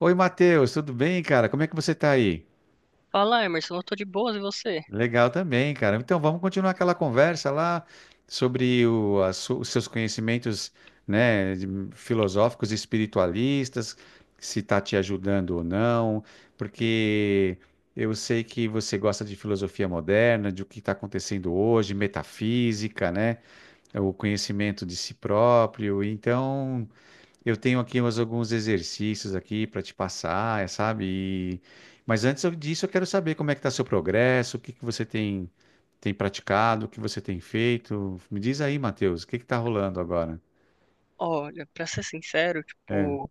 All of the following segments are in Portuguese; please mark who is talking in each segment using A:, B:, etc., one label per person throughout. A: Oi, Matheus, tudo bem, cara? Como é que você tá aí?
B: Fala, Emerson, eu tô de boas e você?
A: Legal também, cara. Então, vamos continuar aquela conversa lá sobre os seus conhecimentos, né, filosóficos e espiritualistas, se está te ajudando ou não, porque eu sei que você gosta de filosofia moderna, de o que está acontecendo hoje, metafísica, né, o conhecimento de si próprio. Então, eu tenho aqui mais alguns exercícios aqui para te passar, é, sabe? E- Mas antes disso, eu quero saber como é que está seu progresso, o que que você tem, tem praticado, o que você tem feito. Me diz aí, Matheus, o que que está rolando agora?
B: Olha, pra ser sincero,
A: É,
B: tipo,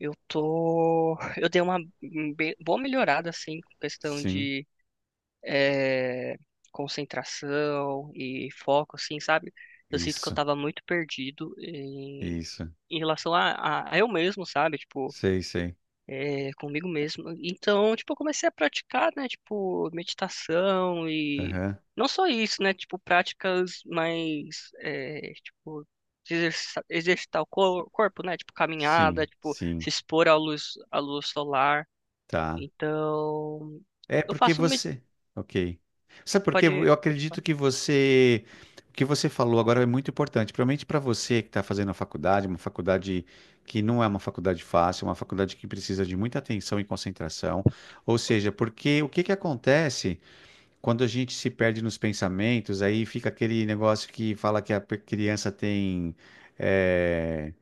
B: eu tô. Eu dei uma boa melhorada, assim, com questão
A: sim,
B: de eh, concentração e foco, assim, sabe? Eu sinto que eu
A: isso,
B: tava muito perdido em,
A: isso,
B: em relação a, a eu mesmo, sabe? Tipo,
A: sei, sei.
B: é, comigo mesmo. Então, tipo, eu comecei a praticar, né, tipo, meditação e
A: Aham,
B: não só isso, né, tipo, práticas mais, é, tipo, de exercitar o corpo, né, tipo, caminhada,
A: sim,
B: tipo,
A: sim,
B: se expor à luz solar.
A: tá.
B: Então,
A: É
B: eu
A: porque
B: faço, um med-
A: você. Ok. Sabe por quê?
B: pode,
A: Eu
B: pode
A: acredito
B: falar.
A: que você. O que você falou agora é muito importante, principalmente para você que está fazendo a faculdade, uma faculdade que não é uma faculdade fácil, uma faculdade que precisa de muita atenção e concentração. Ou seja, porque o que que acontece? Quando a gente se perde nos pensamentos, aí fica aquele negócio que fala que a criança tem eh,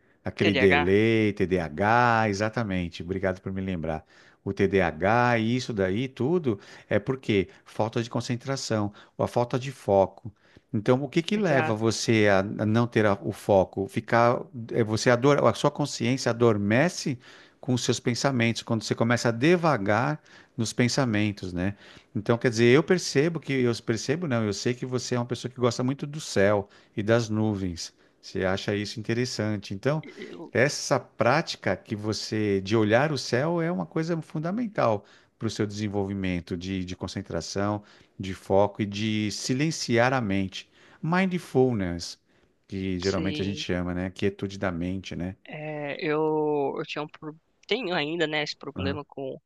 B: T
A: aquele
B: D A H,
A: delay, TDAH, exatamente. Obrigado por me lembrar. O TDAH e isso daí tudo é porque falta de concentração, ou a falta de foco. Então, o que que leva
B: exato.
A: você a não ter o foco? Ficar, é, você ador, a sua consciência adormece com os seus pensamentos, quando você começa a devagar nos pensamentos, né? Então, quer dizer, eu percebo que, eu percebo não, eu sei que você é uma pessoa que gosta muito do céu e das nuvens. Você acha isso interessante. Então,
B: Eu,
A: essa prática que você de olhar o céu é uma coisa fundamental para o seu desenvolvimento de concentração, de foco e de silenciar a mente. Mindfulness, que geralmente a gente
B: sim,
A: chama, né? Quietude da mente, né?
B: é, eu tinha um, tenho ainda, né, esse
A: Aham.
B: problema com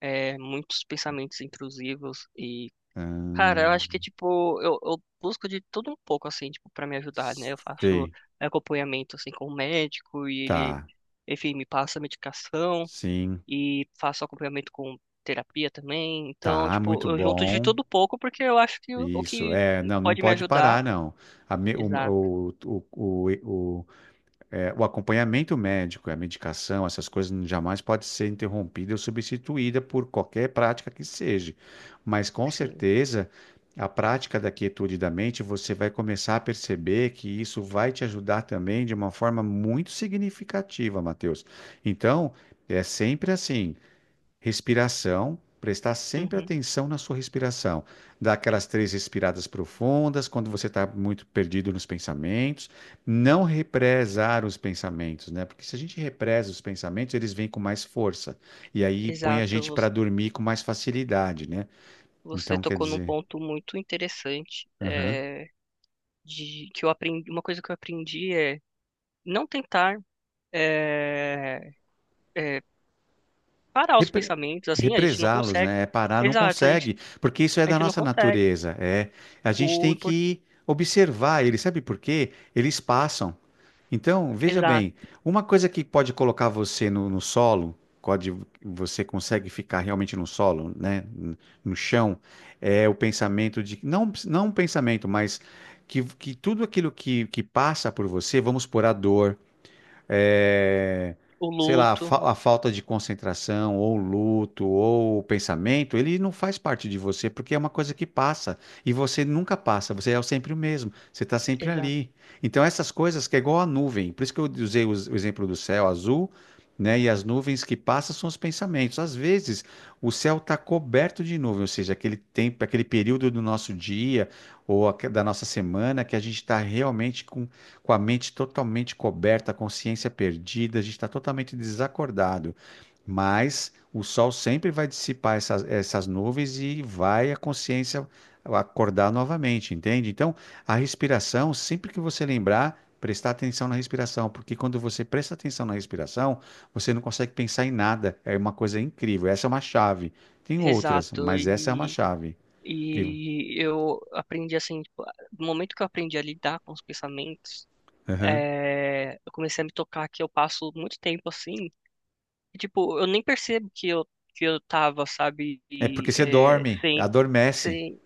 B: é, muitos pensamentos intrusivos. Cara, eu acho que,
A: Ahn,
B: tipo, eu busco de tudo um pouco, assim, tipo, pra me ajudar, né? Eu faço
A: sei,
B: acompanhamento, assim, com o médico e ele,
A: tá,
B: enfim, me passa medicação
A: sim,
B: e faço acompanhamento com terapia também. Então,
A: tá,
B: tipo,
A: muito
B: eu junto de
A: bom.
B: tudo um pouco porque eu acho que o
A: Isso,
B: que
A: é, não, não
B: pode me
A: pode
B: ajudar.
A: parar, não. A me-
B: Exato,
A: o, é, o acompanhamento médico, a medicação, essas coisas jamais pode ser interrompida ou substituída por qualquer prática que seja. Mas com
B: sim.
A: certeza, a prática da quietude da mente, você vai começar a perceber que isso vai te ajudar também de uma forma muito significativa, Matheus. Então, é sempre assim. Respiração, prestar sempre
B: Uhum,
A: atenção na sua respiração. Dar aquelas três respiradas profundas quando você está muito perdido nos pensamentos. Não represar os pensamentos, né? Porque se a gente represa os pensamentos, eles vêm com mais força. E aí põe a
B: exato.
A: gente para dormir com mais facilidade, né?
B: Você
A: Então, quer
B: tocou num
A: dizer.
B: ponto muito interessante,
A: Aham.
B: é, de que eu aprendi, uma coisa que eu aprendi é não tentar. É, parar os
A: Repre-
B: pensamentos, assim, a gente não
A: Represá-los,
B: consegue.
A: né? É parar, não
B: Exato,
A: consegue, porque isso é
B: a
A: da
B: gente não
A: nossa
B: consegue.
A: natureza. É, a gente
B: O
A: tem
B: impor-
A: que observar eles, sabe por quê? Eles passam. Então, veja
B: exato,
A: bem, uma coisa que pode colocar você no solo, pode, você consegue ficar realmente no solo, né? No chão, é o pensamento de, não, não um pensamento, mas que tudo aquilo que passa por você, vamos por a dor é,
B: o
A: sei lá, a,
B: luto,
A: fa- a falta de concentração, ou luto, ou pensamento, ele não faz parte de você, porque é uma coisa que passa. E você nunca passa, você é sempre o mesmo, você está sempre
B: exato,
A: ali. Então, essas coisas que é igual a nuvem, por isso que eu usei o exemplo do céu azul. Né? E as nuvens que passam são os pensamentos. Às vezes, o céu está coberto de nuvem, ou seja, aquele tempo, aquele período do nosso dia ou da nossa semana que a gente está realmente com a mente totalmente coberta, a consciência perdida, a gente está totalmente desacordado. Mas o sol sempre vai dissipar essas nuvens e vai a consciência acordar novamente, entende? Então, a respiração, sempre que você lembrar, prestar atenção na respiração, porque quando você presta atenção na respiração, você não consegue pensar em nada. É uma coisa incrível. Essa é uma chave. Tem outras,
B: exato.
A: mas essa é uma chave. Que-
B: E eu aprendi assim, tipo, no momento que eu aprendi a lidar com os pensamentos,
A: Aham.
B: é, eu comecei a me tocar que eu passo muito tempo assim, e, tipo, eu nem percebo que eu tava, sabe,
A: É
B: e,
A: porque você
B: é,
A: dorme,
B: sem,
A: adormece.
B: sem.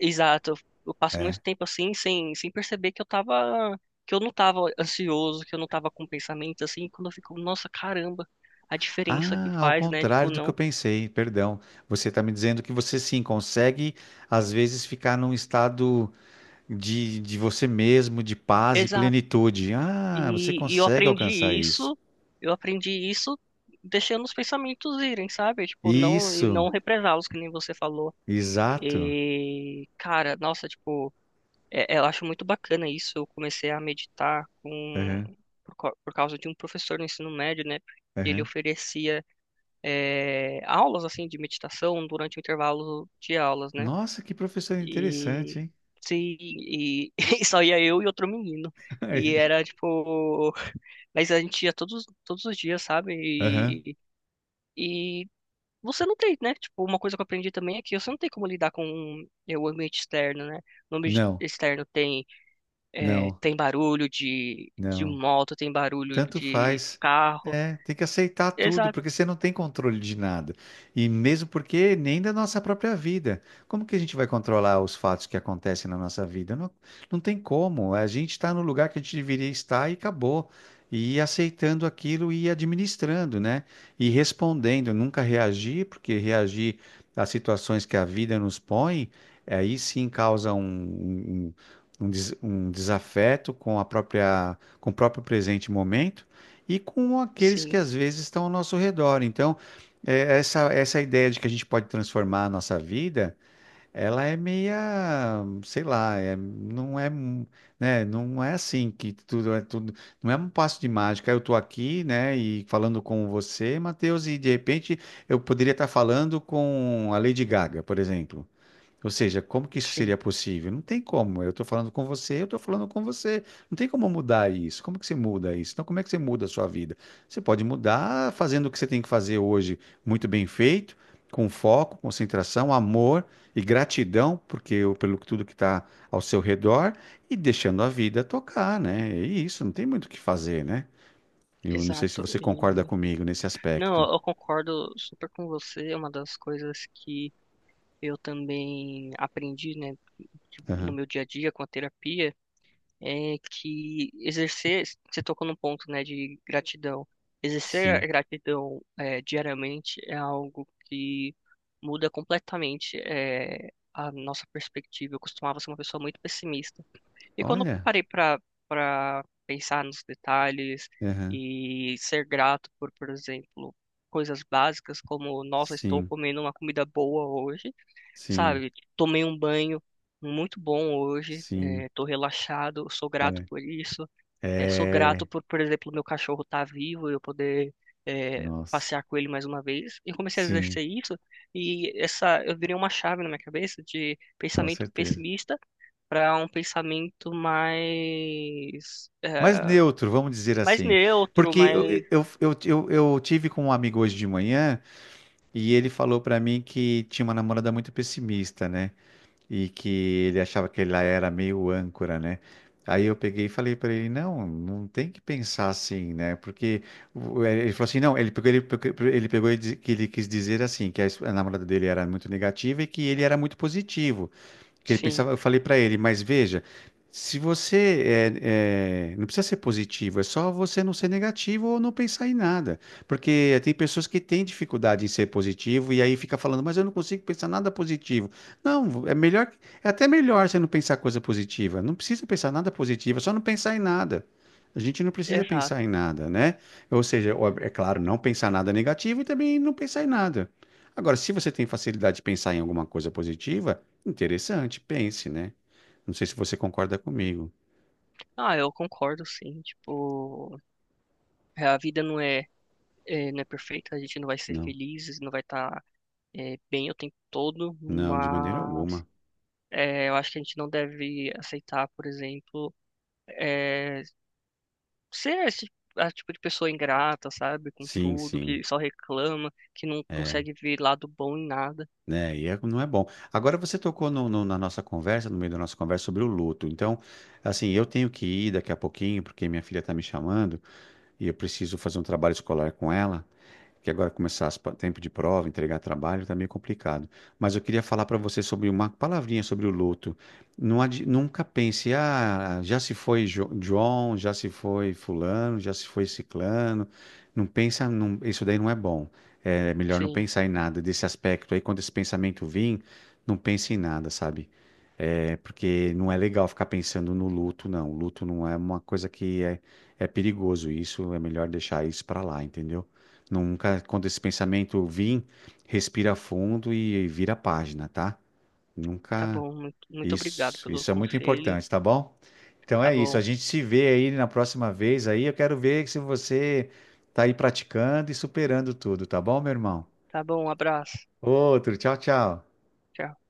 B: Exato, eu passo muito
A: É.
B: tempo assim sem, sem perceber que eu tava, que eu não tava ansioso, que eu não tava com pensamento assim, quando eu fico, nossa, caramba, a diferença que
A: Ah, ao
B: faz, né? Tipo,
A: contrário do que eu
B: não.
A: pensei, perdão. Você está me dizendo que você sim consegue, às vezes, ficar num estado de você mesmo, de paz e
B: Exato.
A: plenitude. Ah, você
B: E eu
A: consegue
B: aprendi
A: alcançar isso.
B: isso, eu aprendi isso deixando os pensamentos irem, sabe? Tipo, não, e
A: Isso,
B: não represá-los, que nem você falou.
A: exato.
B: E, cara, nossa, tipo, é, eu acho muito bacana isso. Eu comecei a meditar com,
A: Aham,
B: por causa de um professor no ensino médio, né? Que ele
A: aham.
B: oferecia é, aulas assim de meditação durante o intervalo de aulas, né?
A: Nossa, que professor interessante,
B: E
A: hein?
B: se e, e só ia eu e outro menino. E era tipo, mas a gente ia todos os dias, sabe?
A: Aham.
B: E você não tem, né? Tipo, uma coisa que eu aprendi também é que você não tem como lidar com é, o ambiente externo, né? No ambiente
A: Não,
B: externo tem é,
A: não,
B: tem barulho de
A: não.
B: moto, tem barulho
A: Tanto
B: de
A: faz.
B: carro.
A: É, tem que aceitar tudo,
B: Exato,
A: porque você não tem controle de nada. E mesmo porque nem da nossa própria vida. Como que a gente vai controlar os fatos que acontecem na nossa vida? Não, não tem como. A gente está no lugar que a gente deveria estar e acabou. E ir aceitando aquilo e ir administrando, né? E respondendo, nunca reagir, porque reagir às situações que a vida nos põe, aí sim causa um desafeto com a própria com o próprio presente momento e com aqueles que
B: sim,
A: às vezes estão ao nosso redor. Então, é, essa ideia de que a gente pode transformar a nossa vida, ela é meia, sei lá, é, não é, né, não é assim que tudo é tudo, não é um passo de mágica. Eu estou aqui, né, e falando com você, Matheus, e de repente eu poderia estar falando com a Lady Gaga, por exemplo. Ou seja, como que isso
B: sim,
A: seria possível? Não tem como. Eu estou falando com você, eu estou falando com você. Não tem como mudar isso. Como que você muda isso? Então, como é que você muda a sua vida? Você pode mudar fazendo o que você tem que fazer hoje muito bem feito, com foco, concentração, amor e gratidão porque pelo tudo que está ao seu redor e deixando a vida tocar, né? É isso, não tem muito o que fazer, né? Eu não sei se
B: exato.
A: você concorda
B: E
A: comigo nesse
B: não,
A: aspecto.
B: eu concordo super com você. É uma das coisas que eu também aprendi, né, de- no
A: Aham.
B: meu dia a dia com a terapia, é que exercer, você tocou num ponto, né, de gratidão. Exercer
A: Sim.
B: a gratidão diariamente é algo que muda completamente a nossa perspectiva. Eu costumava ser uma pessoa muito pessimista. E quando eu
A: Olha.
B: parei para pensar nos detalhes
A: Aham.
B: e ser grato por exemplo, coisas básicas como, nossa, estou
A: Sim.
B: comendo uma comida boa hoje,
A: Sim.
B: sabe? Tomei um banho muito bom hoje,
A: Sim.
B: estou relaxado, sou grato
A: Olha,
B: por isso. Sou
A: é,
B: grato por exemplo, meu cachorro estar vivo e eu poder
A: nossa,
B: passear com ele mais uma vez. E eu comecei a
A: sim,
B: exercer isso e essa eu virei uma chave na minha cabeça de
A: com
B: pensamento
A: certeza.
B: pessimista para um pensamento mais,
A: Mas neutro, vamos dizer
B: mais
A: assim,
B: neutro,
A: porque eu,
B: mais,
A: eu, eu, eu, eu tive com um amigo hoje de manhã e ele falou pra mim que tinha uma namorada muito pessimista, né? E que ele achava que ela era meio âncora, né? Aí eu peguei e falei pra ele, não, não tem que pensar assim, né? Porque ele falou assim, não, ele pegou, ele, ele pegou e que ele quis dizer assim, que a namorada dele era muito negativa e que ele era muito positivo. Que ele
B: sim,
A: pensava, eu falei para ele, mas veja, se você não precisa ser positivo, é só você não ser negativo ou não pensar em nada, porque tem pessoas que têm dificuldade em ser positivo e aí fica falando, mas eu não consigo pensar nada positivo. Não, é melhor, é até melhor você não pensar coisa positiva. Não precisa pensar nada positivo, é só não pensar em nada. A gente não precisa
B: exato.
A: pensar em nada, né? Ou seja, ó, é claro, não pensar nada negativo e também não pensar em nada. Agora, se você tem facilidade de pensar em alguma coisa positiva, interessante, pense, né? Não sei se você concorda comigo.
B: Ah, eu concordo, sim. Tipo, a vida não é, não é perfeita, a gente não vai ser
A: Não,
B: feliz, não vai estar, bem o tempo todo,
A: não, de maneira
B: mas
A: alguma.
B: eu acho que a gente não deve aceitar, por exemplo, eh, ser esse a tipo de pessoa ingrata, sabe, com
A: Sim,
B: tudo,
A: sim.
B: que só reclama, que não
A: É,
B: consegue ver lado bom em nada.
A: né? Não é bom. Agora você tocou na nossa conversa, no meio da nossa conversa sobre o luto. Então, assim, eu tenho que ir daqui a pouquinho, porque minha filha está me chamando e eu preciso fazer um trabalho escolar com ela. Que agora começar tempo de prova, entregar trabalho, tá meio complicado. Mas eu queria falar para você sobre uma palavrinha sobre o luto. Nunca pense, ah, já se foi João, já se foi fulano, já se foi ciclano. Não pensa, isso daí não é bom. É melhor não
B: Sim.
A: pensar em nada desse aspecto aí. Quando esse pensamento vir, não pense em nada, sabe? É, porque não é legal ficar pensando no luto, não. O luto não é uma coisa que é, é perigoso. Isso é melhor deixar isso para lá, entendeu? Nunca, quando esse pensamento vir, respira fundo e vira a página, tá?
B: Tá
A: Nunca.
B: bom, muito, muito obrigado
A: Isso,
B: pelo
A: isso é muito
B: conselho.
A: importante, tá bom? Então
B: Tá
A: é isso. A
B: bom,
A: gente se vê aí na próxima vez aí. Eu quero ver se você tá aí praticando e superando tudo, tá bom, meu irmão?
B: tá bom, um abraço.
A: Outro, tchau, tchau.
B: Tchau.